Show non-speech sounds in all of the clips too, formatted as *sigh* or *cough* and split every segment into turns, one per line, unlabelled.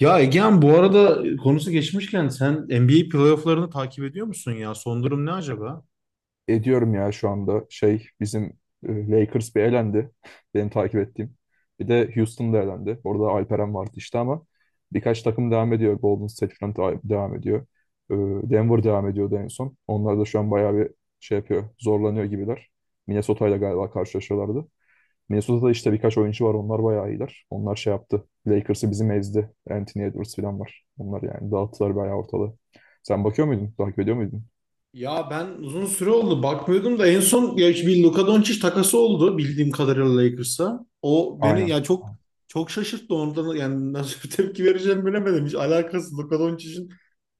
Ya Egehan bu arada konusu geçmişken sen NBA playofflarını takip ediyor musun ya? Son durum ne acaba?
Ediyorum ya şu anda. Şey bizim Lakers bir elendi. *laughs* Benim takip ettiğim. Bir de Houston da elendi. Orada Alperen vardı işte ama birkaç takım devam ediyor. Golden State falan devam ediyor. E, Denver devam ediyordu en son. Onlar da şu an bayağı bir şey yapıyor. Zorlanıyor gibiler. Minnesota ile galiba karşılaşıyorlardı. Minnesota'da işte birkaç oyuncu var. Onlar bayağı iyiler. Onlar şey yaptı. Lakers'ı bizim ezdi. Anthony Edwards falan var. Onlar yani dağıttılar bayağı ortalığı. Sen bakıyor muydun? Takip ediyor muydun?
Ya ben uzun süre oldu bakmıyordum da en son ya işte bir Luka Doncic takası oldu bildiğim kadarıyla Lakers'a. O beni
Aynen.
ya çok çok şaşırttı ondan yani nasıl bir tepki vereceğimi bilemedim. Hiç alakası Luka Doncic'in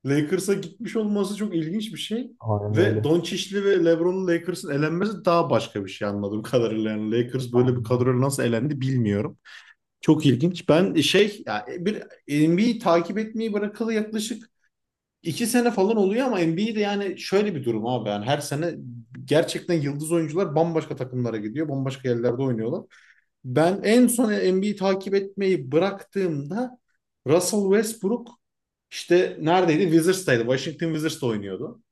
Lakers'a gitmiş olması çok ilginç bir şey.
Aynen
Ve
öyle.
Doncic'li ve LeBron'un Lakers'ın elenmesi daha başka bir şey anladığım kadarıyla. Yani Lakers böyle bir
Anladım.
kadroyla nasıl elendi bilmiyorum. Çok ilginç. Ben şey yani bir NBA'yi takip etmeyi bırakalı yaklaşık 2 sene falan oluyor ama NBA'de yani şöyle bir durum abi. Yani her sene gerçekten yıldız oyuncular bambaşka takımlara gidiyor. Bambaşka yerlerde oynuyorlar. Ben en son NBA'yi takip etmeyi bıraktığımda Russell Westbrook işte neredeydi? Wizards'taydı. Washington Wizards'ta oynuyordu.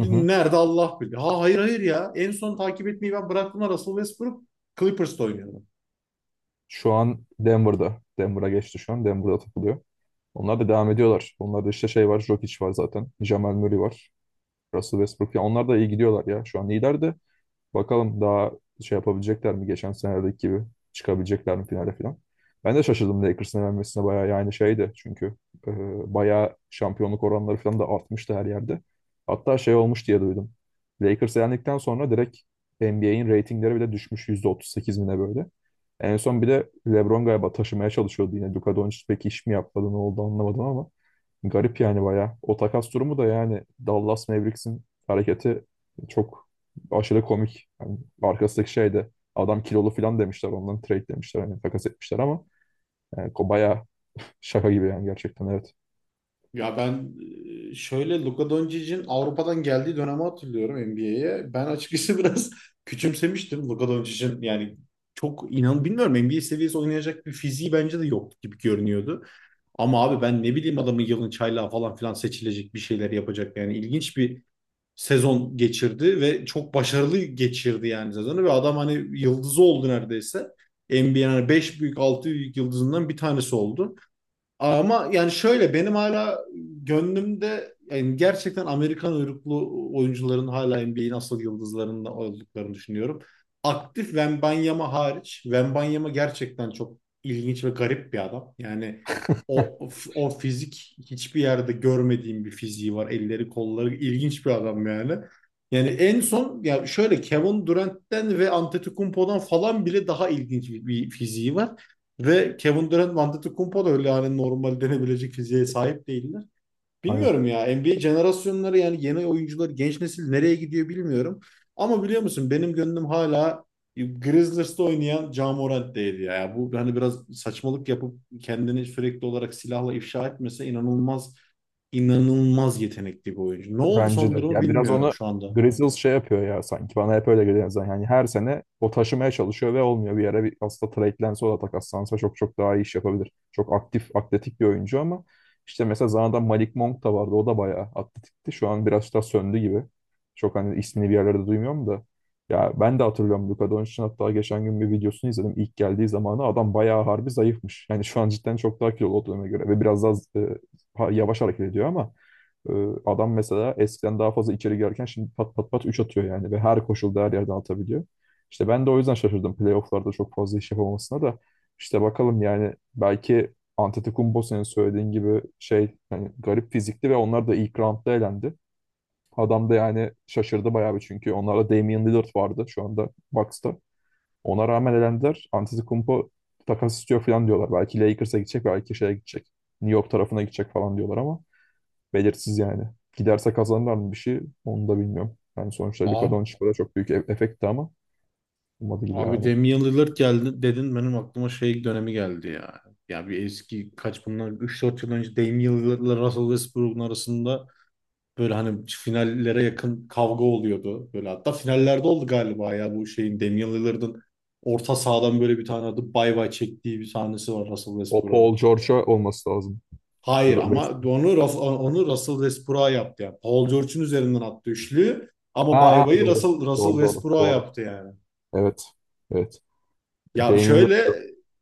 Hı hı.
nerede Allah bilir. Ha, hayır hayır ya. En son takip etmeyi ben bıraktığımda Russell Westbrook Clippers'ta oynuyordu.
Şu an Denver'da. Denver'a geçti şu an. Denver'da takılıyor. Onlar da devam ediyorlar. Onlarda işte şey var. Jokic var zaten. Jamal Murray var. Russell Westbrook. Ya onlar da iyi gidiyorlar ya. Şu an liderdi. Bakalım daha şey yapabilecekler mi, geçen senedeki gibi çıkabilecekler mi finale falan. Ben de şaşırdım Lakers'ın elenmesine bayağı, yani şeydi çünkü e, bayağı şampiyonluk oranları falan da artmıştı her yerde. Hatta şey olmuş diye duydum. Lakers elendikten sonra direkt NBA'in reytingleri bile düşmüş %38 bine böyle. En son bir de LeBron galiba taşımaya çalışıyordu yine. Luka Doncic pek iş mi yapmadı, ne oldu anlamadım ama garip yani bayağı. O takas durumu da, yani Dallas Mavericks'in hareketi çok aşırı komik. Yani arkasındaki şey de, adam kilolu falan demişler. Ondan trade demişler. Hani takas etmişler ama bayağı şaka gibi yani, gerçekten evet.
Ya ben şöyle Luka Doncic'in Avrupa'dan geldiği dönemi hatırlıyorum NBA'ye. Ben açıkçası *laughs* biraz küçümsemiştim Luka Doncic'in yani çok inan bilmiyorum, NBA seviyesi oynayacak bir fiziği bence de yok gibi görünüyordu. Ama abi ben ne bileyim, adamın yılın çaylağı falan filan seçilecek, bir şeyler yapacak yani ilginç bir sezon geçirdi ve çok başarılı geçirdi yani sezonu ve adam hani yıldızı oldu neredeyse. NBA'nin 5 büyük 6 büyük yıldızından bir tanesi oldu. Ama yani şöyle benim hala gönlümde, yani gerçekten Amerikan uyruklu oyuncuların hala NBA'in asıl yıldızlarında olduklarını düşünüyorum. Aktif Wembanyama hariç. Wembanyama gerçekten çok ilginç ve garip bir adam. Yani o o fizik hiçbir yerde görmediğim bir fiziği var. Elleri, kolları ilginç bir adam yani. Yani en son ya şöyle Kevin Durant'ten ve Antetokounmpo'dan falan bile daha ilginç bir fiziği var. Ve Kevin Durant ve Antetokounmpo da öyle, yani normal denebilecek fiziğe sahip değiller.
Aynen.
Bilmiyorum ya, NBA jenerasyonları yani yeni oyuncular, genç nesil nereye gidiyor bilmiyorum. Ama biliyor musun, benim gönlüm hala Grizzlies'te oynayan Ja Morant'teydi ya. Bu hani biraz saçmalık yapıp kendini sürekli olarak silahla ifşa etmese inanılmaz inanılmaz yetenekli bir oyuncu. Ne oldu
Bence
son
de.
durumu
Ya biraz
bilmiyorum
onu
şu anda.
Grizzlies şey yapıyor ya sanki. Bana hep öyle geliyor zaten. Yani her sene o taşımaya çalışıyor ve olmuyor. Bir yere bir aslında trade'lense, o da takaslansa çok çok daha iyi iş yapabilir. Çok aktif, atletik bir oyuncu ama işte mesela zamanında Malik Monk da vardı. O da bayağı atletikti. Şu an biraz daha söndü gibi. Çok hani ismini bir yerlerde duymuyorum da. Ya ben de hatırlıyorum Luka Doncic'in, hatta geçen gün bir videosunu izledim. İlk geldiği zamanı adam bayağı harbi zayıfmış. Yani şu an cidden çok daha kilolu o döneme göre ve biraz daha yavaş hareket ediyor ama ee, adam mesela eskiden daha fazla içeri girerken şimdi pat pat pat 3 atıyor yani ve her koşulda her yerden atabiliyor. İşte ben de o yüzden şaşırdım playofflarda çok fazla iş yapamamasına da. İşte bakalım yani, belki Antetokounmpo senin söylediğin gibi şey, yani garip fizikli ve onlar da ilk roundda elendi. Adam da yani şaşırdı bayağı bir çünkü onlarda Damian Lillard vardı şu anda Bucks'ta. Ona rağmen elendiler. Antetokounmpo takas istiyor falan diyorlar. Belki Lakers'a gidecek, belki şeye gidecek. New York tarafına gidecek falan diyorlar ama belirsiz yani. Giderse kazanırlar mı bir şey, onu da bilmiyorum. Yani sonuçta Luka
Abi
Doncic burada çok büyük efekti ama olmadı gibi
Abi
yani.
Damian Lillard geldi dedin, benim aklıma şey dönemi geldi ya. Ya bir eski kaç bunlar, 3-4 yıl önce Damian Lillard'la Russell Westbrook'un arasında böyle hani finallere yakın kavga oluyordu. Böyle hatta finallerde oldu galiba ya, bu şeyin, Damian Lillard'ın orta sahadan böyle bir tane adı bay bay çektiği bir sahnesi var Russell
O
Westbrook'a.
Paul George'a olması lazım.
Hayır
Dur,
ama
West-
onu onu Russell Westbrook'a yaptı yani. Paul George'un üzerinden attı üçlü ama
Aa,
bay
aa,
bayı
doğru.
Russell
Doğru doğru
Westbrook'a
doğru.
yaptı yani.
Evet. Evet.
Ya
Damian
şöyle,
Lillard.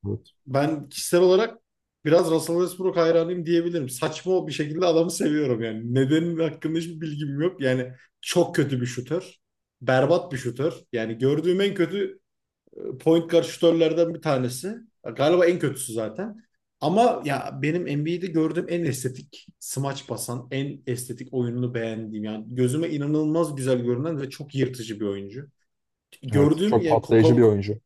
Evet.
ben kişisel olarak biraz Russell Westbrook hayranıyım diyebilirim. Saçma bir şekilde adamı seviyorum yani. Nedenin hakkında hiçbir bilgim yok. Yani çok kötü bir şutör. Berbat bir şutör. Yani gördüğüm en kötü point guard şutörlerden bir tanesi. Galiba en kötüsü zaten. Ama ya benim NBA'de gördüğüm en estetik smaç basan, en estetik oyununu beğendiğim, yani gözüme inanılmaz güzel görünen ve çok yırtıcı bir oyuncu.
Evet.
Gördüğüm
Çok
yani.
patlayıcı bir oyuncu.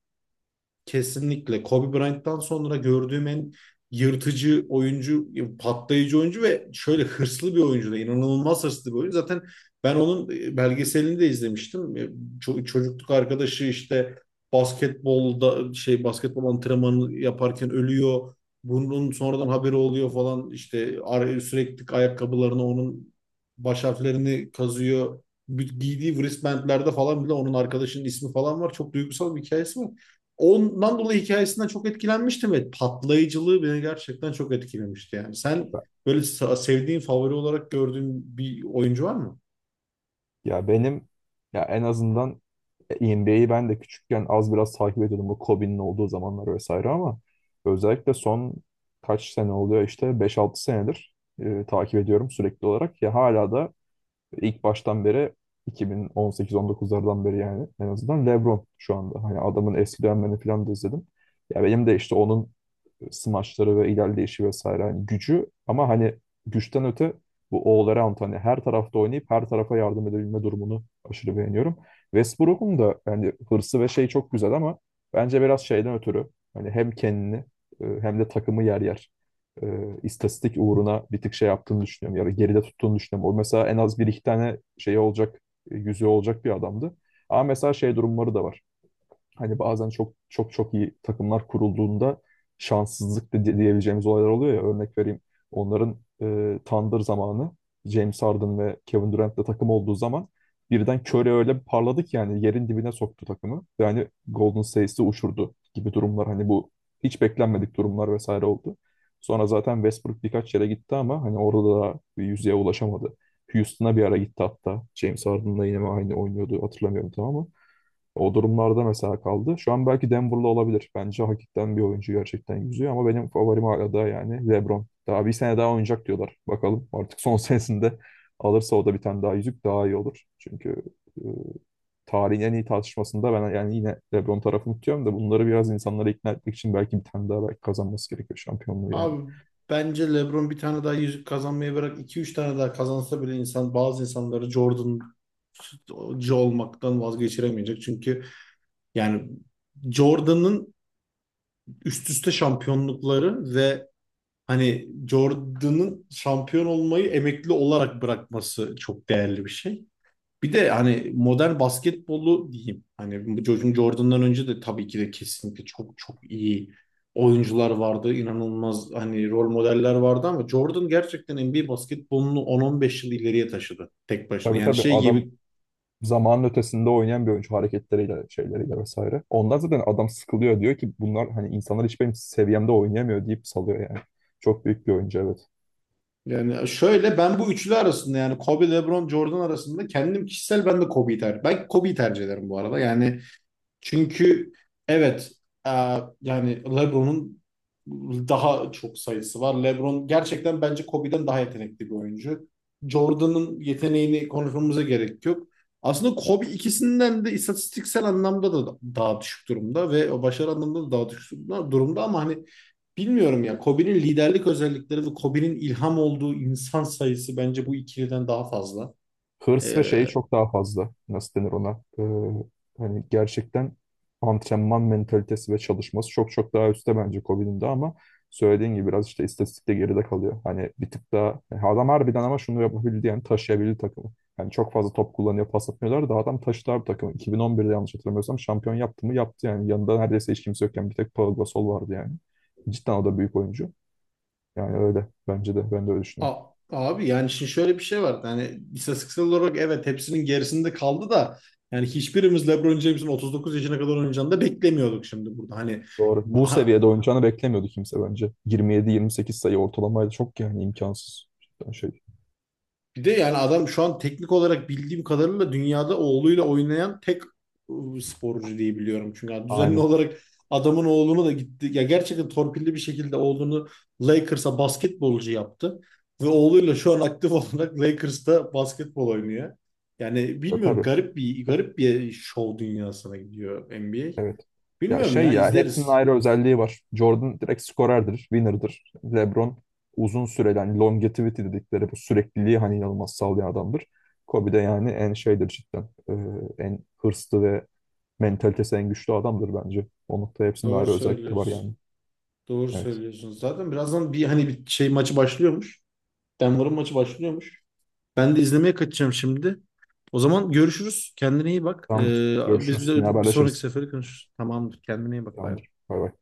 Kesinlikle Kobe Bryant'tan sonra gördüğüm en yırtıcı oyuncu, patlayıcı oyuncu ve şöyle hırslı bir oyuncu da, inanılmaz hırslı bir oyuncu. Zaten ben onun belgeselini de izlemiştim. Çocukluk arkadaşı işte basketbol antrenmanı yaparken ölüyor. Bunun sonradan haberi oluyor falan işte, sürekli ayakkabılarına onun baş harflerini kazıyor. Giydiği wristbandlerde falan bile onun arkadaşının ismi falan var. Çok duygusal bir hikayesi var. Ondan dolayı hikayesinden çok etkilenmiştim ve patlayıcılığı beni gerçekten çok etkilemişti yani. Sen böyle sevdiğin, favori olarak gördüğün bir oyuncu var mı?
Ya benim, ya en azından NBA'yi ben de küçükken az biraz takip ediyordum, bu Kobe'nin olduğu zamanlar vesaire ama özellikle son kaç sene oluyor işte beş altı senedir takip ediyorum sürekli olarak. Ya hala da ilk baştan beri 2018-19'lardan beri yani, en azından LeBron şu anda. Hani adamın eski dönemlerini falan da izledim. Ya benim de işte onun smaçları ve ilerleyişi vesaire, hani gücü ama hani güçten öte bu all-around, hani her tarafta oynayıp her tarafa yardım edebilme durumunu aşırı beğeniyorum. Westbrook'un da yani hırsı ve şey çok güzel ama bence biraz şeyden ötürü hani hem kendini, hem de takımı yer yer e, istatistik uğruna bir tık şey yaptığını düşünüyorum. Ya da geride tuttuğunu düşünüyorum. O mesela en az bir iki tane şey olacak, yüzüğü olacak bir adamdı. Ama mesela şey durumları da var. Hani bazen çok çok çok iyi takımlar kurulduğunda şanssızlık da diyebileceğimiz olaylar oluyor ya. Örnek vereyim. Onların Thunder zamanı, James Harden ve Kevin Durant'la takım olduğu zaman birden Curry öyle bir parladı ki yani, yerin dibine soktu takımı. Yani Golden State'i uçurdu gibi durumlar. Hani bu hiç beklenmedik durumlar vesaire oldu. Sonra zaten Westbrook birkaç yere gitti ama hani orada da bir yüzeye ulaşamadı. Houston'a bir ara gitti hatta. James Harden'la yine mi aynı oynuyordu hatırlamıyorum, tamam mı? O durumlarda mesela kaldı. Şu an belki Denver'lı olabilir. Bence hakikaten bir oyuncu gerçekten yüzüyor ama benim favorim hala da yani LeBron. Daha bir sene daha oynayacak diyorlar. Bakalım artık son *laughs* senesinde alırsa, o da bir tane daha yüzük daha iyi olur. Çünkü e, tarihin en iyi tartışmasında ben yani yine LeBron tarafını tutuyorum da bunları biraz insanlara ikna etmek için belki bir tane daha, belki kazanması gerekiyor şampiyonluğu yani.
Abi bence LeBron bir tane daha yüzük kazanmayı bırak, iki üç tane daha kazansa bile insan, bazı insanları Jordan'cı olmaktan vazgeçiremeyecek. Çünkü yani Jordan'ın üst üste şampiyonlukları ve hani Jordan'ın şampiyon olmayı emekli olarak bırakması çok değerli bir şey. Bir de hani modern basketbolu diyeyim. Hani bu Jordan'dan önce de tabii ki de kesinlikle çok çok iyi oyuncular vardı. İnanılmaz hani rol modeller vardı ama Jordan gerçekten NBA basketbolunu 10-15 yıl ileriye taşıdı tek başına.
Tabii
Yani
tabii,
şey
adam
gibi,
zamanın ötesinde oynayan bir oyuncu hareketleriyle, şeyleriyle vesaire. Ondan zaten adam sıkılıyor, diyor ki bunlar hani, insanlar hiç benim seviyemde oynayamıyor deyip salıyor yani. Çok büyük bir oyuncu evet.
yani şöyle, ben bu üçlü arasında yani Kobe, LeBron, Jordan arasında kendim kişisel ben de Kobe'yi tercih ederim bu arada. Yani, çünkü evet, e, yani LeBron'un daha çok sayısı var. LeBron gerçekten bence Kobe'den daha yetenekli bir oyuncu. Jordan'ın yeteneğini konuşmamıza gerek yok. Aslında Kobe ikisinden de istatistiksel anlamda da daha düşük durumda ve o başarı anlamında da daha düşük durumda ama hani bilmiyorum ya, Kobe'nin liderlik özellikleri ve Kobe'nin ilham olduğu insan sayısı bence bu ikiliden daha fazla.
Hırs ve şeyi çok daha fazla. Nasıl denir ona? Hani gerçekten antrenman mentalitesi ve çalışması çok çok daha üstte bence Kobe'nin de ama söylediğin gibi biraz işte istatistikte geride kalıyor. Hani bir tık daha, yani adam harbiden ama şunu yapabildi yani, taşıyabildi takımı. Yani çok fazla top kullanıyor, pas atmıyorlar da adam taşıdı abi takımı. 2011'de yanlış hatırlamıyorsam şampiyon yaptı mı? Yaptı yani. Yanında neredeyse hiç kimse yokken bir tek Paul Gasol vardı yani. Cidden o da büyük oyuncu. Yani öyle. Bence de. Ben de öyle
A-
düşünüyorum.
abi yani şimdi şöyle bir şey var. Yani istatistiksel olarak evet hepsinin gerisinde kaldı da, yani hiçbirimiz LeBron James'in 39 yaşına kadar oynayacağını da beklemiyorduk şimdi burada. Hani,
Doğru. Bu seviyede oynayacağını beklemiyordu kimse bence. 27-28 sayı ortalamaydı. Çok yani imkansız. Cidden şey.
bir de yani adam şu an teknik olarak bildiğim kadarıyla dünyada oğluyla oynayan tek sporcu diye biliyorum. Çünkü yani düzenli
Aynen.
olarak adamın oğlunu da gitti. Ya gerçekten torpilli bir şekilde oğlunu Lakers'a basketbolcu yaptı. Ve oğluyla şu an aktif *laughs* olarak Lakers'ta basketbol oynuyor. Yani bilmiyorum,
Tabii.
garip bir şov dünyasına gidiyor NBA.
Evet. Ya
Bilmiyorum
şey,
ya,
ya hepsinin
izleriz.
ayrı özelliği var. Jordan direkt skorerdir, winner'dır. LeBron uzun süreli, hani longevity dedikleri bu sürekliliği hani inanılmaz sağlayan adamdır. Kobe de yani en şeydir cidden. En hırslı ve mentalitesi en güçlü adamdır bence. O noktada hepsinin
Doğru
ayrı özellikleri var
söylüyorsun.
yani.
Doğru
Evet.
söylüyorsun. Zaten birazdan bir şey maçı başlıyormuş. Denver'ın maçı başlıyormuş. Ben de izlemeye kaçacağım şimdi. O zaman görüşürüz. Kendine iyi bak.
Tamamdır.
Biz bir
Görüşürüz.
de
Yine
bir sonraki
haberleşiriz.
sefere konuşuruz. Tamamdır. Kendine iyi bak. Bay
Tamamdır.
bay.
Bay bay.